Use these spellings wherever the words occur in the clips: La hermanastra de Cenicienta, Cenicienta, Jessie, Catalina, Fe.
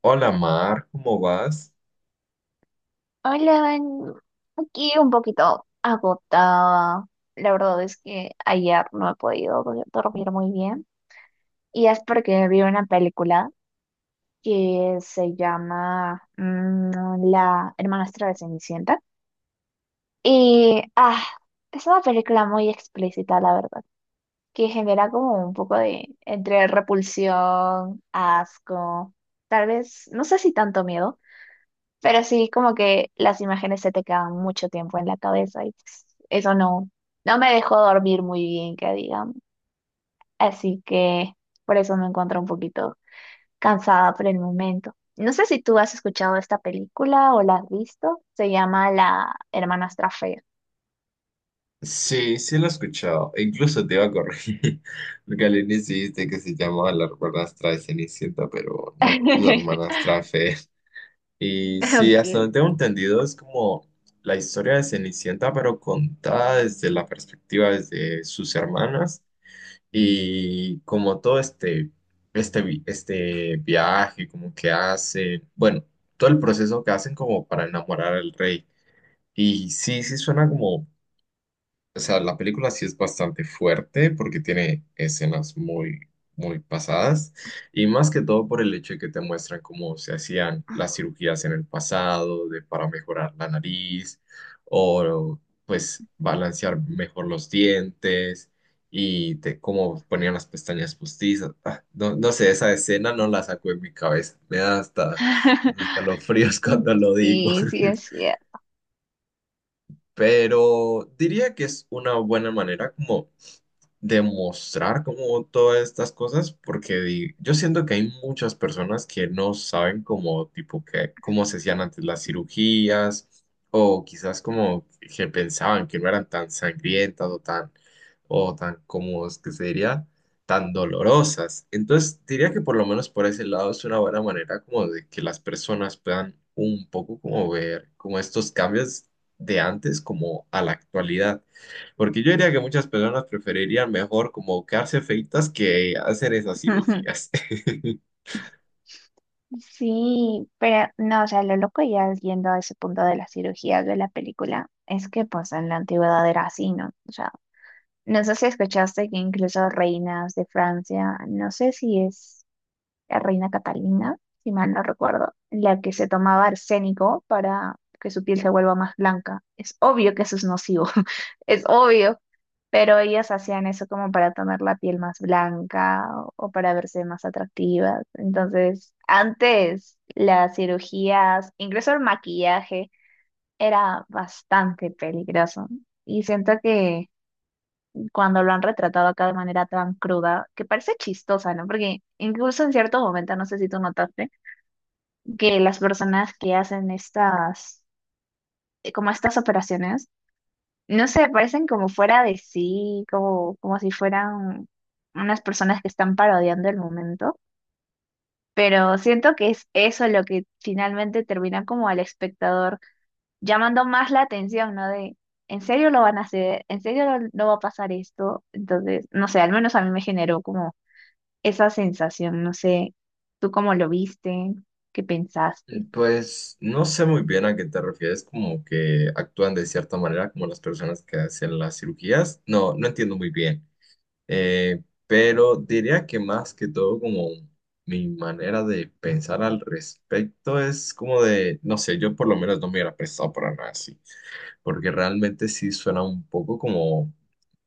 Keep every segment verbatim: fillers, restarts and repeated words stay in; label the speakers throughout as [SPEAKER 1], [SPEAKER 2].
[SPEAKER 1] Hola Mar, ¿cómo vas?
[SPEAKER 2] Hola, Van. Aquí un poquito agotada. La verdad es que ayer no he podido do- dormir muy bien. Y es porque vi una película que se llama mm, La hermanastra de Cenicienta. Y ah, es una película muy explícita, la verdad, que genera como un poco de entre repulsión, asco, tal vez, no sé si tanto miedo. Pero sí, como que las imágenes se te quedan mucho tiempo en la cabeza y pues, eso no, no me dejó dormir muy bien, que digamos. Así que por eso me encuentro un poquito cansada por el momento. No sé si tú has escuchado esta película o la has visto. Se llama La hermanastra fea.
[SPEAKER 1] Sí, sí lo he escuchado. E incluso te iba a corregir. Porque al inicio dijiste que se llamaba la hermanastra de Cenicienta, pero no, es la hermanastra de Fe. Y sí, hasta
[SPEAKER 2] Ok.
[SPEAKER 1] donde tengo entendido, es como la historia de Cenicienta, pero contada desde la perspectiva de sus hermanas. Y como todo este, este, vi- este viaje, como que hacen, bueno, todo el proceso que hacen como para enamorar al rey. Y sí, sí suena como. O sea, la película sí es bastante fuerte porque tiene escenas muy, muy pasadas y más que todo por el hecho de que te muestran cómo se hacían las cirugías en el pasado de, para mejorar la nariz o pues balancear mejor los dientes y te, cómo ponían las pestañas postizas. Ah, no, no sé, esa escena no la saco de mi cabeza. Me da hasta hasta escalofríos cuando lo digo.
[SPEAKER 2] sí, sí, es cierto.
[SPEAKER 1] Pero diría que es una buena manera como demostrar como todas estas cosas, porque di- yo siento que hay muchas personas que no saben como tipo que, cómo se hacían antes las cirugías, o quizás como que pensaban que no eran tan sangrientas o tan, o tan, como es que se diría, tan dolorosas. Entonces diría que por lo menos por ese lado es una buena manera como de que las personas puedan un poco como ver como estos cambios de antes como a la actualidad. Porque yo diría que muchas personas preferirían mejor como quedarse feitas que hacer esas cirugías.
[SPEAKER 2] Sí, pero no, o sea, lo loco ya yendo a ese punto de las cirugías de la película es que pues en la antigüedad era así, ¿no? O sea, no sé si escuchaste que incluso reinas de Francia, no sé si es la reina Catalina, si mal no recuerdo, la que se tomaba arsénico para que su piel se vuelva más blanca. Es obvio que eso es nocivo, es obvio, pero ellas hacían eso como para tener la piel más blanca o, o para verse más atractivas. Entonces, antes las cirugías, incluso el maquillaje, era bastante peligroso. Y siento que cuando lo han retratado acá de manera tan cruda, que parece chistosa, ¿no? Porque incluso en cierto momento, no sé si tú notaste, que las personas que hacen estas, eh, como estas operaciones, no sé, parecen como fuera de sí, como, como si fueran unas personas que están parodiando el momento. Pero siento que es eso lo que finalmente termina como al espectador llamando más la atención, ¿no? De, ¿en serio lo van a hacer? ¿En serio no no va a pasar esto? Entonces, no sé, al menos a mí me generó como esa sensación. No sé, ¿tú cómo lo viste? ¿Qué pensaste?
[SPEAKER 1] Pues no sé muy bien a qué te refieres, como que actúan de cierta manera como las personas que hacen las cirugías. No, no entiendo muy bien. Eh, pero diría que más que todo como mi manera de pensar al respecto es como de, no sé, yo por lo menos no me hubiera prestado para nada así, porque realmente sí suena un poco como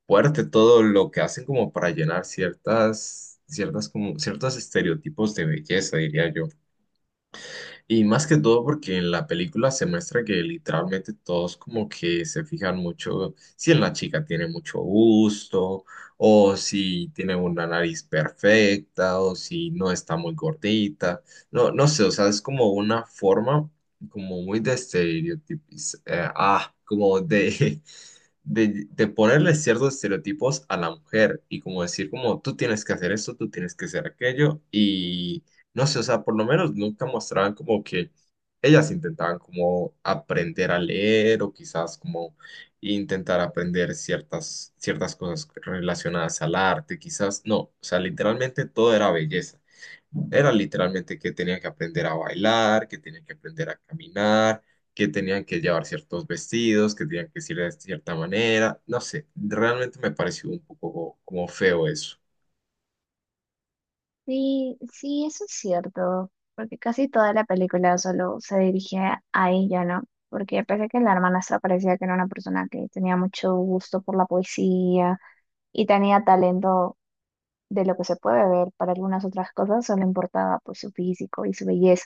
[SPEAKER 1] fuerte todo lo que hacen como para llenar ciertas, ciertas como, ciertos estereotipos de belleza, diría yo. Y más que todo porque en la película se muestra que literalmente todos como que se fijan mucho si en la chica tiene mucho gusto, o si tiene una nariz perfecta, o si no está muy gordita. No, no sé, o sea, es como una forma como muy de estereotipos, ah, como de de, de ponerle ciertos estereotipos a la mujer y como decir como tú tienes que hacer esto, tú tienes que hacer aquello y no sé, o sea, por lo menos nunca mostraban como que ellas intentaban como aprender a leer o quizás como intentar aprender ciertas, ciertas cosas relacionadas al arte, quizás no, o sea, literalmente todo era belleza. Era literalmente que tenía que aprender a bailar, que tenía que aprender a caminar, que tenían que llevar ciertos vestidos, que tenían que ir de cierta manera, no sé, realmente me pareció un poco como feo eso.
[SPEAKER 2] Sí, sí, eso es cierto, porque casi toda la película solo se dirigía a ella, ¿no? Porque pese a que la hermanastra parecía que era una persona que tenía mucho gusto por la poesía y tenía talento de lo que se puede ver para algunas otras cosas, solo importaba pues su físico y su belleza.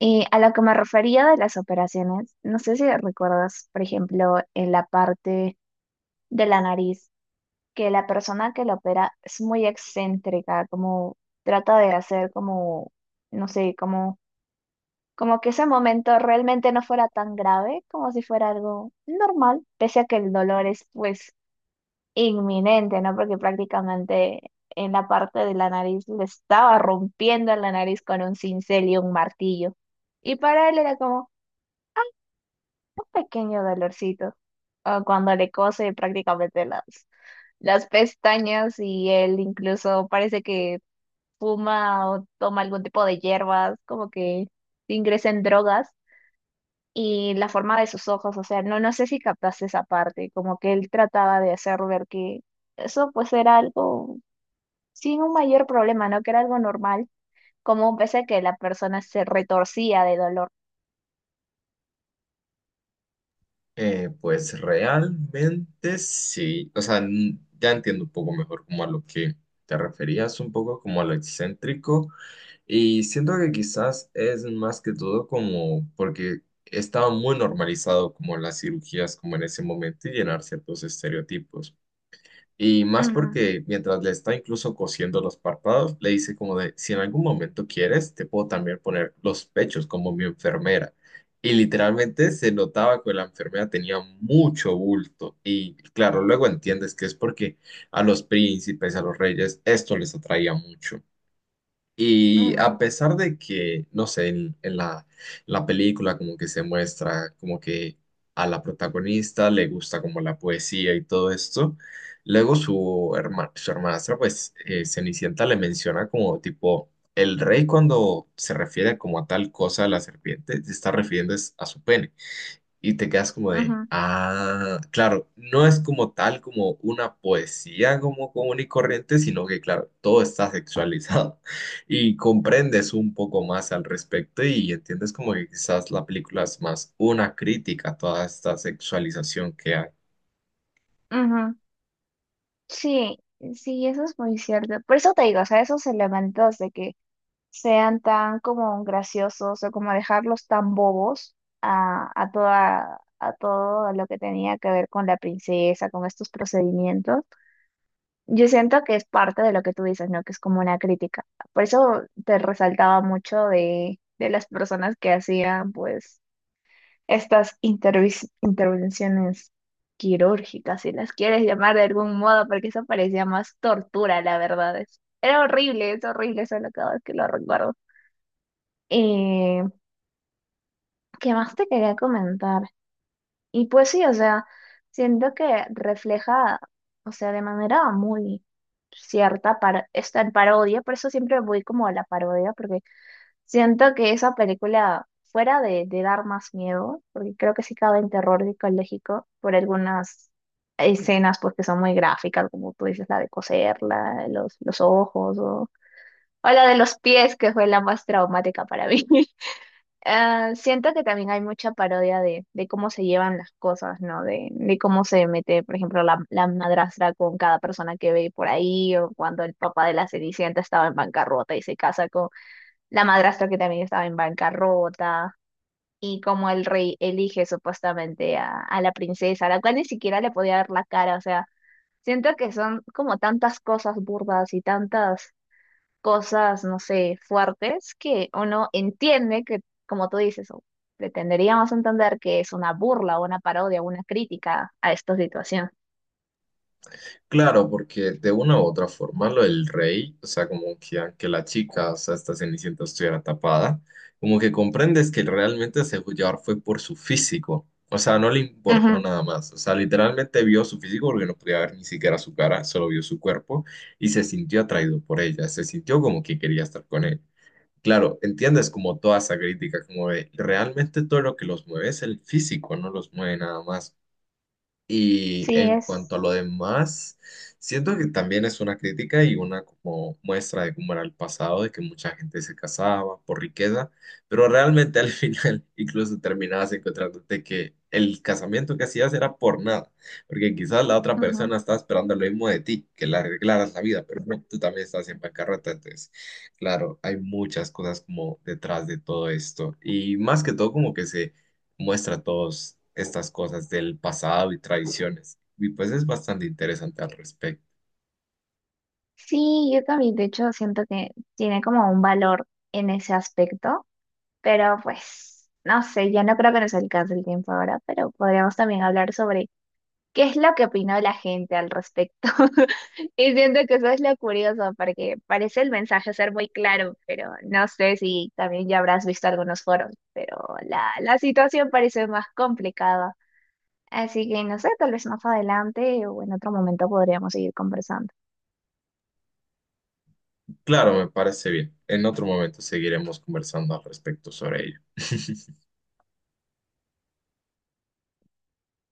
[SPEAKER 2] Y a lo que me refería de las operaciones, no sé si recuerdas, por ejemplo, en la parte de la nariz que la persona que lo opera es muy excéntrica, como trata de hacer como, no sé, como, como que ese momento realmente no fuera tan grave, como si fuera algo normal, pese a que el dolor es pues inminente, ¿no? Porque prácticamente en la parte de la nariz le estaba rompiendo la nariz con un cincel y un martillo. Y para él era como un pequeño dolorcito. O cuando le cose prácticamente las las pestañas y él incluso parece que fuma o toma algún tipo de hierbas, como que ingresa en drogas y la forma de sus ojos, o sea, no, no sé si captaste esa parte, como que él trataba de hacer ver que eso pues era algo sin un mayor problema, ¿no? Que era algo normal, como pese a que la persona se retorcía de dolor.
[SPEAKER 1] Eh, pues realmente sí, o sea, n- ya entiendo un poco mejor como a lo que te referías, un poco como a lo excéntrico, y siento que quizás es más que todo como porque estaba muy normalizado como las cirugías como en ese momento y llenar ciertos estereotipos. Y más
[SPEAKER 2] Ujú,
[SPEAKER 1] porque mientras le está incluso cosiendo los párpados, le dice como de, si en algún momento quieres, te puedo también poner los pechos como mi enfermera. Y literalmente se notaba que la enfermera tenía mucho bulto. Y claro, luego entiendes que es porque a los príncipes, a los reyes, esto les atraía mucho. Y a
[SPEAKER 2] ujú,
[SPEAKER 1] pesar de que, no sé, en, en la, la película como que se muestra como que a la protagonista le gusta como la poesía y todo esto, luego su, herma- su hermanastra, pues eh, Cenicienta le menciona como tipo, el rey cuando se refiere como a tal cosa a la serpiente, se está refiriendo es a su pene y te quedas como de,
[SPEAKER 2] ujú,
[SPEAKER 1] ah, claro, no es como tal como una poesía como común y corriente, sino que, claro, todo está sexualizado y comprendes un poco más al respecto y entiendes como que quizás la película es más una crítica a toda esta sexualización que hay.
[SPEAKER 2] ujú. Sí, sí, eso es muy cierto. Por eso te digo, o sea, esos elementos de que sean tan como graciosos o como dejarlos tan bobos a, a toda, a todo lo que tenía que ver con la princesa, con estos procedimientos. Yo siento que es parte de lo que tú dices, ¿no? Que es como una crítica. Por eso te resaltaba mucho de, de las personas que hacían, pues, estas intervis- intervenciones quirúrgicas, si las quieres llamar de algún modo, porque eso parecía más tortura, la verdad. Es- Era horrible, es horrible solo cada vez que lo recuerdo. ¿Qué más te quería comentar? Y pues sí, o sea, siento que refleja, o sea, de manera muy cierta para esta en parodia, por eso siempre voy como a la parodia, porque siento que esa película, fuera de, de dar más miedo, porque creo que sí cabe en terror psicológico por algunas escenas, porque son muy gráficas, como tú dices, la de coserla, los, los ojos, o, o la de los pies, que fue la más traumática para mí. Ah, siento que también hay mucha parodia de, de cómo se llevan las cosas, ¿no? De, de cómo se mete, por ejemplo, la, la madrastra con cada persona que ve por ahí, o cuando el papá de la Cenicienta estaba en bancarrota y se casa con la madrastra que también estaba en bancarrota, y cómo el rey elige supuestamente a, a la princesa, a la cual ni siquiera le podía ver la cara, o sea, siento que son como tantas cosas burdas y tantas cosas, no sé, fuertes que uno entiende que, como tú dices, o pretenderíamos entender que es una burla, o una parodia, o una crítica a esta situación.
[SPEAKER 1] Claro, porque de una u otra forma lo del rey, o sea, como que aunque la chica, o sea, esta Cenicienta estuviera tapada, como que comprendes que realmente se dejó llevar fue por su físico, o sea, no le importó
[SPEAKER 2] Ujú.
[SPEAKER 1] nada más, o sea, literalmente vio su físico porque no podía ver ni siquiera su cara, solo vio su cuerpo y se sintió atraído por ella, se sintió como que quería estar con él. Claro, entiendes como toda esa crítica, como de realmente todo lo que los mueve es el físico, no los mueve nada más. Y
[SPEAKER 2] Sí,
[SPEAKER 1] en cuanto a
[SPEAKER 2] es.
[SPEAKER 1] lo demás, siento que también es una crítica y una como muestra de cómo era el pasado, de que mucha gente se casaba por riqueza, pero realmente al final incluso terminabas encontrándote que el casamiento que hacías era por nada, porque quizás la otra
[SPEAKER 2] Ujú.
[SPEAKER 1] persona estaba esperando lo mismo de ti, que le arreglaras la vida, pero no, tú también estás en bancarrota, entonces, claro, hay muchas cosas como detrás de todo esto y más que todo como que se muestra todas estas cosas del pasado y tradiciones. Y pues es bastante interesante al respecto.
[SPEAKER 2] Sí, yo también, de hecho, siento que tiene como un valor en ese aspecto, pero pues, no sé, ya no creo que nos alcance el tiempo ahora, pero podríamos también hablar sobre qué es lo que opinó la gente al respecto. Y siento que eso es lo curioso, porque parece el mensaje ser muy claro, pero no sé si también ya habrás visto algunos foros, pero la, la situación parece más complicada. Así que no sé, tal vez más adelante o en otro momento podríamos seguir conversando.
[SPEAKER 1] Claro, me parece bien. En otro momento seguiremos conversando al respecto sobre ello.